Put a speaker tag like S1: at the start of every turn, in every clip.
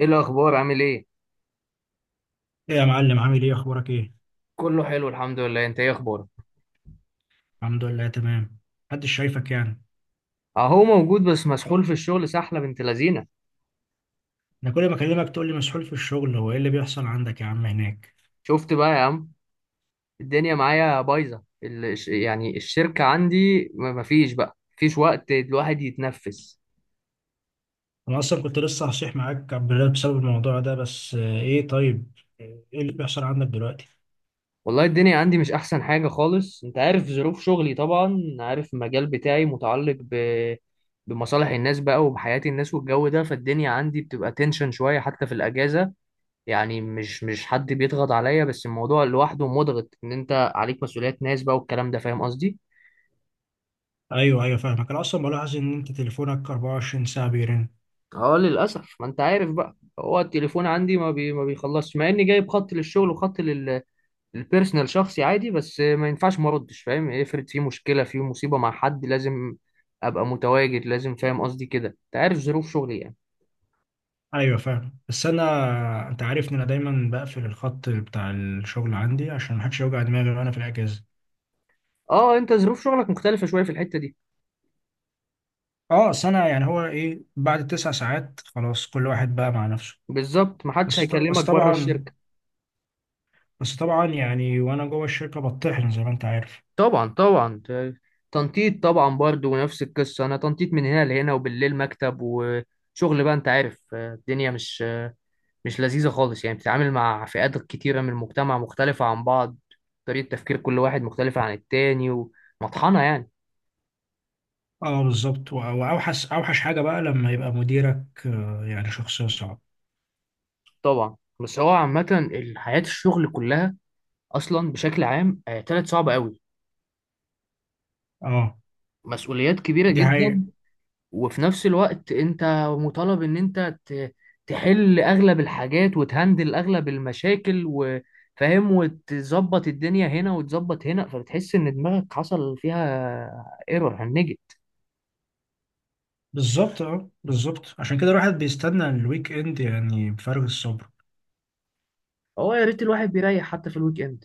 S1: ايه الاخبار؟ عامل ايه؟
S2: ايه يا معلم، عامل ايه؟ اخبارك ايه؟
S1: كله حلو الحمد لله. انت ايه اخبارك؟
S2: الحمد لله تمام. محدش شايفك
S1: اهو موجود بس مسحول في الشغل، سحله بنت لذينه.
S2: انا كل ما اكلمك تقول لي مسحول في الشغل، هو ايه اللي بيحصل عندك يا عم هناك؟
S1: شفت بقى يا عم؟ الدنيا معايا بايظه، يعني الشركه عندي ما فيش بقى، مفيش وقت الواحد يتنفس.
S2: انا اصلا كنت لسه هصيح معاك عبد الله بسبب الموضوع ده، بس ايه؟ طيب، ايه اللي بيحصل عندك دلوقتي؟
S1: والله الدنيا عندي مش احسن حاجه خالص، انت عارف ظروف شغلي، طبعا عارف المجال بتاعي متعلق بمصالح الناس بقى وبحياه الناس والجو ده، فالدنيا عندي بتبقى تنشن شويه حتى في الاجازه. يعني مش حد بيضغط عليا، بس الموضوع لوحده مضغط ان انت عليك مسؤوليات ناس بقى والكلام ده، فاهم قصدي؟
S2: ايوه، فاهمك. انا اصلا بلاحظ ان انت تليفونك 24 ساعه بيرن.
S1: اه للاسف، ما انت عارف بقى، هو التليفون عندي ما بيخلصش، مع اني جايب خط للشغل وخط لل للبيرسونال شخصي عادي، بس ما ينفعش ما اردش، فاهم؟ افرض في مشكله، في مصيبه مع حد، لازم ابقى متواجد، لازم، فاهم قصدي كده، انت عارف ظروف شغلي يعني.
S2: ايوه فاهم، بس انا انت عارف ان انا دايما بقفل الخط بتاع الشغل عندي عشان محدش يوجع دماغي وانا في الاجازه.
S1: اه انت ظروف شغلك مختلفه شويه في الحته دي.
S2: اه سنه، يعني هو ايه بعد 9 ساعات؟ خلاص، كل واحد بقى مع نفسه.
S1: بالظبط، ما حدش
S2: بس ط- بس
S1: هيكلمك بره
S2: طبعا
S1: الشركه.
S2: بس طبعا، يعني وانا جوه الشركه بطحن زي ما انت عارف.
S1: طبعا طبعا، تنطيط طبعا برضو، نفس القصة. أنا تنطيط من هنا لهنا، وبالليل مكتب وشغل بقى، أنت عارف. الدنيا مش لذيذة خالص، يعني بتتعامل مع فئات كتيرة من المجتمع مختلفة عن بعض، طريقة تفكير كل واحد مختلفة عن التاني، ومطحنة يعني.
S2: اه بالظبط، واوحش اوحش حاجه بقى لما يبقى مديرك، يعني شخصيه صعبه.
S1: طبعا. بس هو عامة حياة الشغل كلها أصلا بشكل عام طلعت صعبة أوي.
S2: اه
S1: مسؤوليات كبيرة
S2: دي حقيقة.
S1: جدا. وفي نفس الوقت انت مطالب ان انت تحل اغلب الحاجات، وتهندل اغلب المشاكل، وفاهم، وتظبط الدنيا هنا وتظبط هنا، فبتحس ان دماغك حصل فيها ايرور، هنجت.
S2: بالظبط، عشان كده الواحد بيستنى الويك اند يعني بفارغ الصبر.
S1: هو يا ريت الواحد بيريح حتى في الويك اند.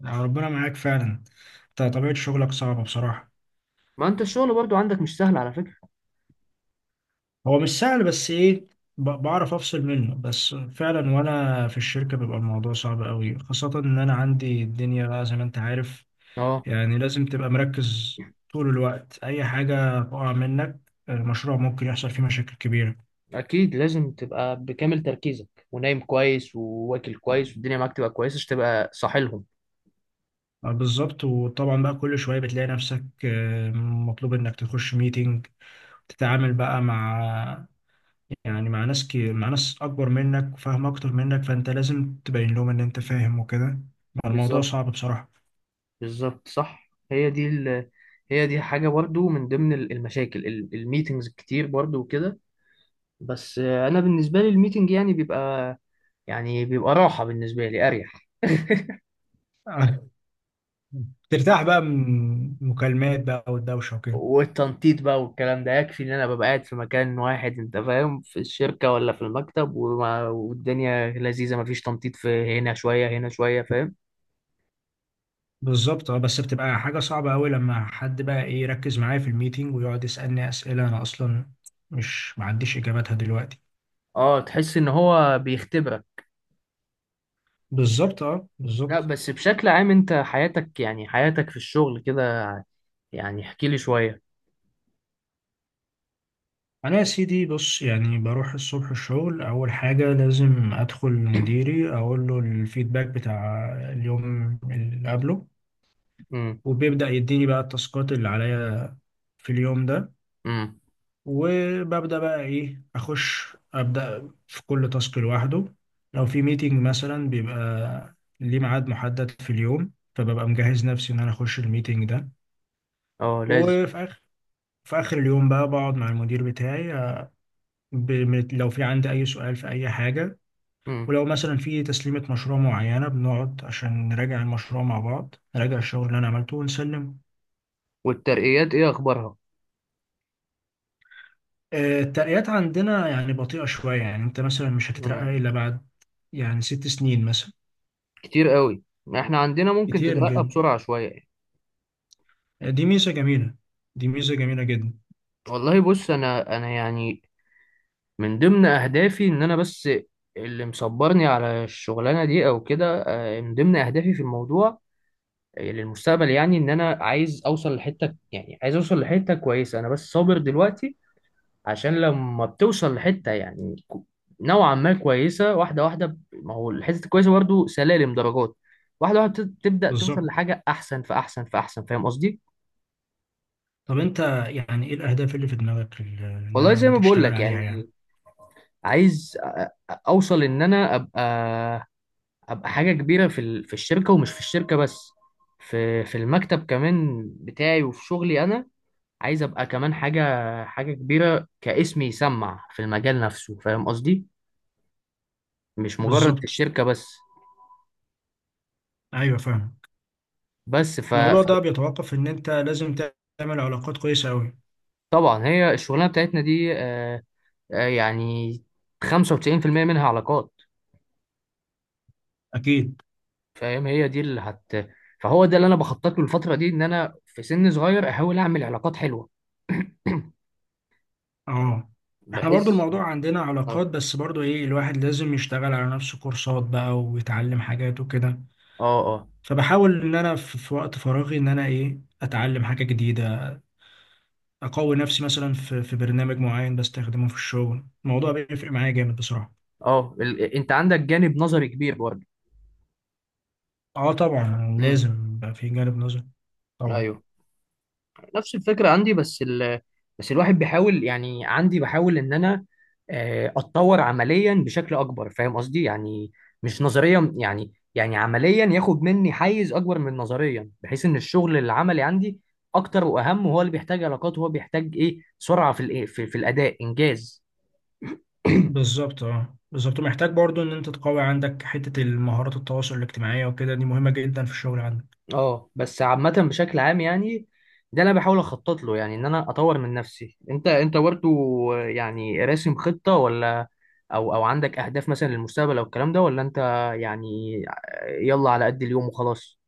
S2: يعني ربنا معاك فعلا، انت طبيعه شغلك صعبه بصراحه.
S1: ما انت الشغل برضو عندك مش سهل على فكرة.
S2: هو مش سهل، بس ايه، بعرف افصل منه، بس فعلا وانا في الشركه بيبقى الموضوع صعب قوي، خاصه ان انا عندي الدنيا بقى زي ما انت عارف.
S1: اه
S2: يعني لازم تبقى مركز طول الوقت، أي حاجة تقع منك المشروع ممكن يحصل فيه مشاكل كبيرة.
S1: اكيد، لازم تبقى بكامل تركيزك، ونايم كويس، وواكل كويس، والدنيا معاك تبقى كويسة، عشان تبقى صاحي لهم.
S2: بالظبط. وطبعا بقى كل شوية بتلاقي نفسك، مطلوب إنك تخش ميتينج، تتعامل بقى مع، يعني مع ناس مع ناس أكبر منك وفاهم أكتر منك، فأنت لازم تبين لهم إن أنت فاهم وكده. الموضوع
S1: بالظبط.
S2: صعب بصراحة.
S1: بالظبط صح، هي دي حاجة برضو من ضمن المشاكل، الميتينجز الكتير برضو وكده. بس أنا بالنسبة لي الميتينج يعني بيبقى، يعني بيبقى راحة بالنسبة لي، أريح.
S2: آه، ترتاح بقى من مكالمات بقى والدوشة وكده.
S1: والتنطيط بقى والكلام ده، يكفي إن أنا ببقى قاعد في مكان واحد، أنت فاهم، في الشركة ولا في المكتب، والدنيا لذيذة، مفيش تنطيط في هنا شوية هنا شوية، فاهم؟
S2: بالظبط، اه، بس بتبقى حاجة صعبة أوي لما حد بقى إيه يركز معايا في الميتنج ويقعد يسألني أسئلة أنا أصلا مش معنديش إجاباتها دلوقتي.
S1: اه تحس إن هو بيختبرك.
S2: بالظبط اه
S1: لا
S2: بالظبط
S1: بس بشكل عام، أنت حياتك، يعني حياتك في الشغل كده يعني، احكي لي شوية.
S2: أنا يا سيدي بص، يعني بروح الصبح الشغل، أول حاجة لازم أدخل لمديري أقول له الفيدباك بتاع اليوم اللي قبله، وبيبدأ يديني بقى التاسكات اللي عليا في اليوم ده.
S1: امم.
S2: وببدأ بقى إيه، أخش أبدأ في كل تاسك لوحده. لو في ميتنج مثلا بيبقى ليه ميعاد محدد في اليوم، فببقى مجهز نفسي إن أنا أخش الميتنج ده.
S1: اه لازم.
S2: وفي آخر في آخر اليوم بقى بقعد مع المدير بتاعي، لو في عندي أي سؤال في أي حاجة.
S1: امم.
S2: ولو مثلا في تسليمة مشروع معينة بنقعد عشان نراجع المشروع مع بعض، نراجع الشغل اللي أنا عملته ونسلمه.
S1: والترقيات ايه اخبارها؟
S2: الترقيات عندنا يعني بطيئة شوية، يعني أنت مثلا مش هتترقى
S1: امم.
S2: إلا بعد يعني 6 سنين مثلا.
S1: كتير قوي، ما احنا عندنا ممكن
S2: كتير
S1: تترقى
S2: جدا،
S1: بسرعة شوية يعني.
S2: دي ميزة جميلة، دي ميزة جميلة جدا.
S1: والله بص، انا يعني من ضمن اهدافي ان انا بس، اللي مصبرني على الشغلانة دي او كده، من ضمن اهدافي في الموضوع، للمستقبل يعني، ان انا عايز اوصل لحتة يعني عايز اوصل لحتة كويسة. انا بس صابر دلوقتي، عشان لما بتوصل لحتة يعني، نوعا ما كويسة، واحدة واحدة، ما هو الحتة الكويسة برضو سلالم درجات، واحدة واحدة تبدأ توصل
S2: بالظبط.
S1: لحاجة أحسن فأحسن فأحسن، فاهم قصدي؟
S2: طب انت يعني ايه الأهداف اللي في دماغك اللي
S1: والله
S2: ناوي ان
S1: زي ما
S2: انت
S1: بقول
S2: تشتغل
S1: لك يعني،
S2: عليها يعني؟
S1: عايز أوصل إن أنا أبقى حاجة كبيرة في في الشركة، ومش في الشركة بس، في المكتب كمان بتاعي وفي شغلي أنا. عايز أبقى كمان حاجة كبيرة، كاسم يسمع في المجال نفسه، فاهم قصدي؟ مش مجرد في
S2: بالظبط.
S1: الشركة بس.
S2: ايوه فاهم.
S1: بس ف...
S2: الموضوع ده بيتوقف ان انت لازم تعمل علاقات كويسة قوي.
S1: فطبعا هي الشغلانه بتاعتنا دي، يعني 95% منها علاقات،
S2: اكيد.
S1: فاهم، هي دي اللي هت، فهو ده اللي انا بخطط له الفتره دي، ان انا في سن صغير احاول اعمل علاقات حلوه
S2: اه احنا برضو
S1: بحيث.
S2: الموضوع عندنا علاقات،
S1: اه
S2: بس برضو ايه، الواحد لازم يشتغل على نفسه كورسات بقى ويتعلم حاجات وكده.
S1: اه اه
S2: فبحاول ان انا في وقت فراغي ان انا ايه، اتعلم حاجة جديدة، اقوي نفسي مثلا في برنامج معين بستخدمه في الشغل. الموضوع بيفرق معايا جامد بصراحة.
S1: اه، انت عندك جانب نظري كبير برضه.
S2: اه طبعا
S1: امم.
S2: لازم يبقى في جانب نظر. طبعا.
S1: ايوه، نفس الفكرة عندي بس بس الواحد بيحاول يعني، عندي بحاول ان انا اتطور عمليا بشكل اكبر، فاهم قصدي يعني، مش نظريا يعني عمليا ياخد مني حيز اكبر من نظريا، بحيث ان الشغل العملي عندي اكتر واهم، وهو اللي بيحتاج علاقات، وهو بيحتاج ايه سرعة في في الاداء، انجاز.
S2: بالظبط، محتاج برضو ان انت تقوي عندك حتة المهارات التواصل الاجتماعية وكده، دي مهمة جدا في الشغل عندك.
S1: اه بس عامة بشكل عام يعني، ده اللي انا بحاول اخطط له يعني، ان انا اطور من نفسي. انت برضه يعني راسم خطة، ولا او عندك اهداف مثلا للمستقبل او الكلام ده، ولا انت يعني يلا على قد اليوم وخلاص؟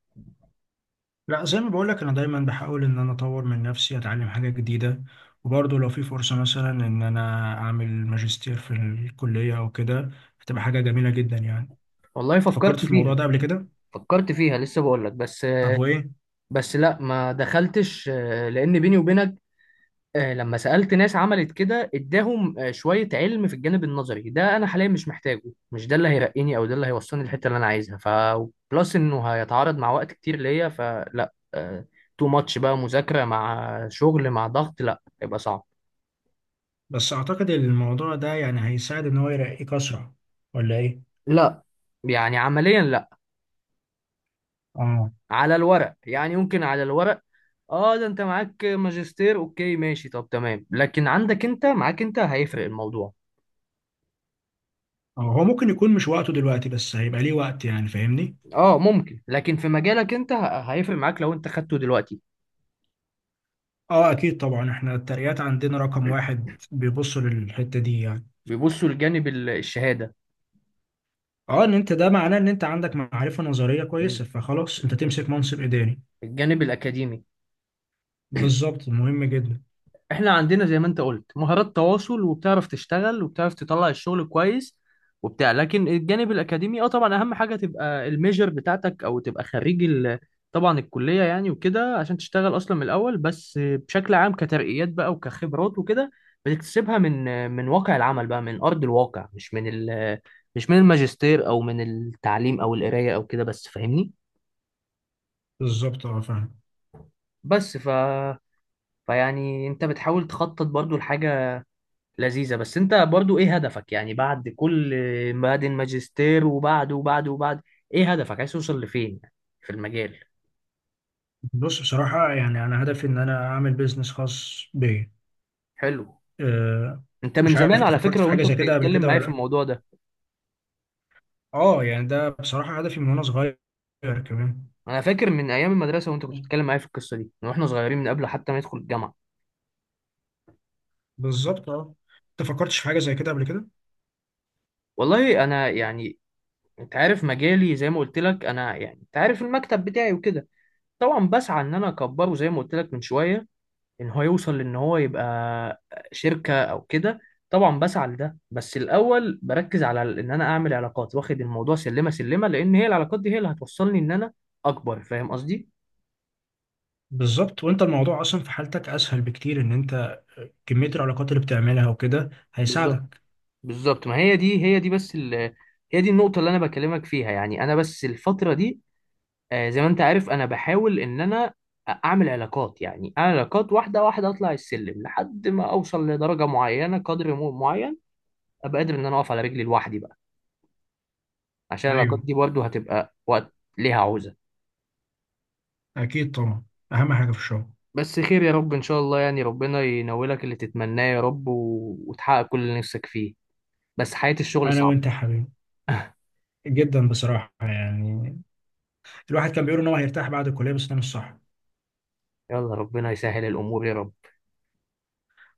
S2: لا زي ما بقولك، انا دايما بحاول ان انا اطور من نفسي اتعلم حاجة جديدة. وبرضو لو في فرصة مثلا ان انا اعمل ماجستير في الكلية او كده، هتبقى حاجة جميلة جدا يعني.
S1: والله
S2: تفكرت
S1: فكرت
S2: في الموضوع
S1: فيها.
S2: ده قبل كده؟
S1: لسه بقول لك بس،
S2: طب وايه؟
S1: لا ما دخلتش، لان بيني وبينك، لما سألت ناس عملت كده اداهم شوية علم في الجانب النظري ده، انا حاليا مش محتاجه. مش ده اللي هيرقيني، او ده اللي هيوصلني الحتة اللي انا عايزها، ف بلس انه هيتعارض مع وقت كتير ليا، فلا، تو ماتش بقى، مذاكرة مع شغل مع ضغط، لا هيبقى صعب.
S2: بس اعتقد الموضوع ده يعني هيساعد ان هو يرقيك اسرع، ولا ايه؟
S1: لا. يعني عمليا لا.
S2: اه
S1: على الورق يعني ممكن، على الورق اه، ده انت معاك ماجستير، اوكي ماشي، طب تمام، لكن عندك، انت معاك انت، هيفرق الموضوع.
S2: اه. هو ممكن يكون مش وقته دلوقتي، بس هيبقى ليه وقت يعني، فاهمني.
S1: اه ممكن، لكن في مجالك انت هيفرق معاك لو انت خدته دلوقتي.
S2: اه اكيد طبعا، احنا الترقيات عندنا رقم واحد بيبصوا للحتة دي يعني.
S1: بيبصوا لجانب الشهادة.
S2: اه، ان انت ده معناه ان انت عندك معرفة نظرية
S1: مم.
S2: كويسة، فخلاص انت تمسك منصب اداري.
S1: الجانب الأكاديمي.
S2: بالظبط، مهم جدا.
S1: احنا عندنا زي ما انت قلت مهارات تواصل، وبتعرف تشتغل، وبتعرف تطلع الشغل كويس وبتاع، لكن الجانب الأكاديمي اه طبعا أهم حاجة تبقى الميجر بتاعتك، أو تبقى خريج طبعا الكلية يعني وكده، عشان تشتغل أصلا من الأول. بس بشكل عام كترقيات بقى وكخبرات وكده، بتكتسبها من واقع العمل بقى، من أرض الواقع، مش من مش من الماجستير، أو من التعليم، أو القراية أو كده بس، فاهمني؟
S2: بالظبط، اه فاهم.
S1: بس ف فيعني انت بتحاول تخطط برضو لحاجة لذيذة، بس انت برضو ايه هدفك يعني، بعد كل، بعد الماجستير وبعده وبعده وبعد، ايه هدفك؟ عايز توصل لفين يعني، في المجال؟
S2: بص بصراحة يعني انا هدفي ان انا اعمل بيزنس خاص بيا.
S1: حلو.
S2: آه،
S1: انت من
S2: مش عارف
S1: زمان
S2: انت
S1: على
S2: فكرت
S1: فكرة
S2: في حاجة
S1: وانت
S2: زي كده قبل
S1: بتتكلم
S2: كده
S1: معايا في
S2: ولا؟
S1: الموضوع ده.
S2: اه يعني ده بصراحة هدفي من وانا صغير كمان.
S1: انا فاكر من ايام المدرسة وانت كنت بتتكلم معايا في القصة دي، من واحنا صغيرين، من قبل حتى ما ندخل الجامعة.
S2: بالظبط اه. انت فكرتش في حاجة زي كده قبل كده؟
S1: والله انا يعني، انت عارف مجالي زي ما قلت لك، انا يعني انت عارف المكتب بتاعي وكده، طبعا بسعى ان انا اكبره زي ما قلت لك من شوية، ان هو يوصل لان هو يبقى شركة او كده. طبعا بسعى لده، بس الاول بركز على ان انا اعمل علاقات، واخد الموضوع سلمة سلمة، لان هي العلاقات دي هي اللي هتوصلني ان انا اكبر، فاهم قصدي؟
S2: بالظبط. وانت الموضوع اصلا في حالتك اسهل بكتير، ان انت كمية العلاقات اللي بتعملها وكده
S1: بالظبط.
S2: هيساعدك.
S1: بالظبط ما هي دي بس هي دي النقطة اللي انا بكلمك فيها يعني. انا بس الفترة دي، زي ما انت عارف، انا بحاول ان انا اعمل علاقات واحدة واحدة، اطلع السلم لحد ما اوصل لدرجة معينة، قدر معين، ابقى قادر ان انا اقف على رجلي لوحدي بقى. عشان العلاقات
S2: ايوه
S1: دي برضه هتبقى وقت ليها عوزة.
S2: اكيد طبعا، اهم حاجة في الشغل.
S1: بس خير يا رب، إن شاء الله يعني، ربنا ينولك اللي تتمناه يا رب، وتحقق كل اللي نفسك فيه. بس حياة الشغل
S2: انا
S1: صعبة.
S2: وانت يا حبيبي، جدا بصراحة يعني. الواحد كان بيقول ان هو هيرتاح بعد الكلية، بس ده مش صح.
S1: يلا ربنا يسهل الأمور يا رب.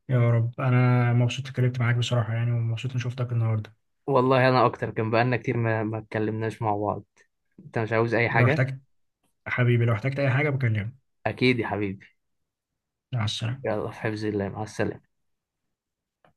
S2: يا رب. انا مبسوط اتكلمت معاك بصراحة يعني، ومبسوط اني شفتك النهاردة.
S1: والله أنا أكتر، كان بقالنا كتير ما اتكلمناش مع بعض. أنت مش عاوز أي
S2: لو
S1: حاجة؟
S2: احتجت، حبيبي لو احتجت اي حاجة بكلمك.
S1: أكيد يا حبيبي.
S2: مع السلامة.
S1: يلا في حفظ الله، مع السلامة.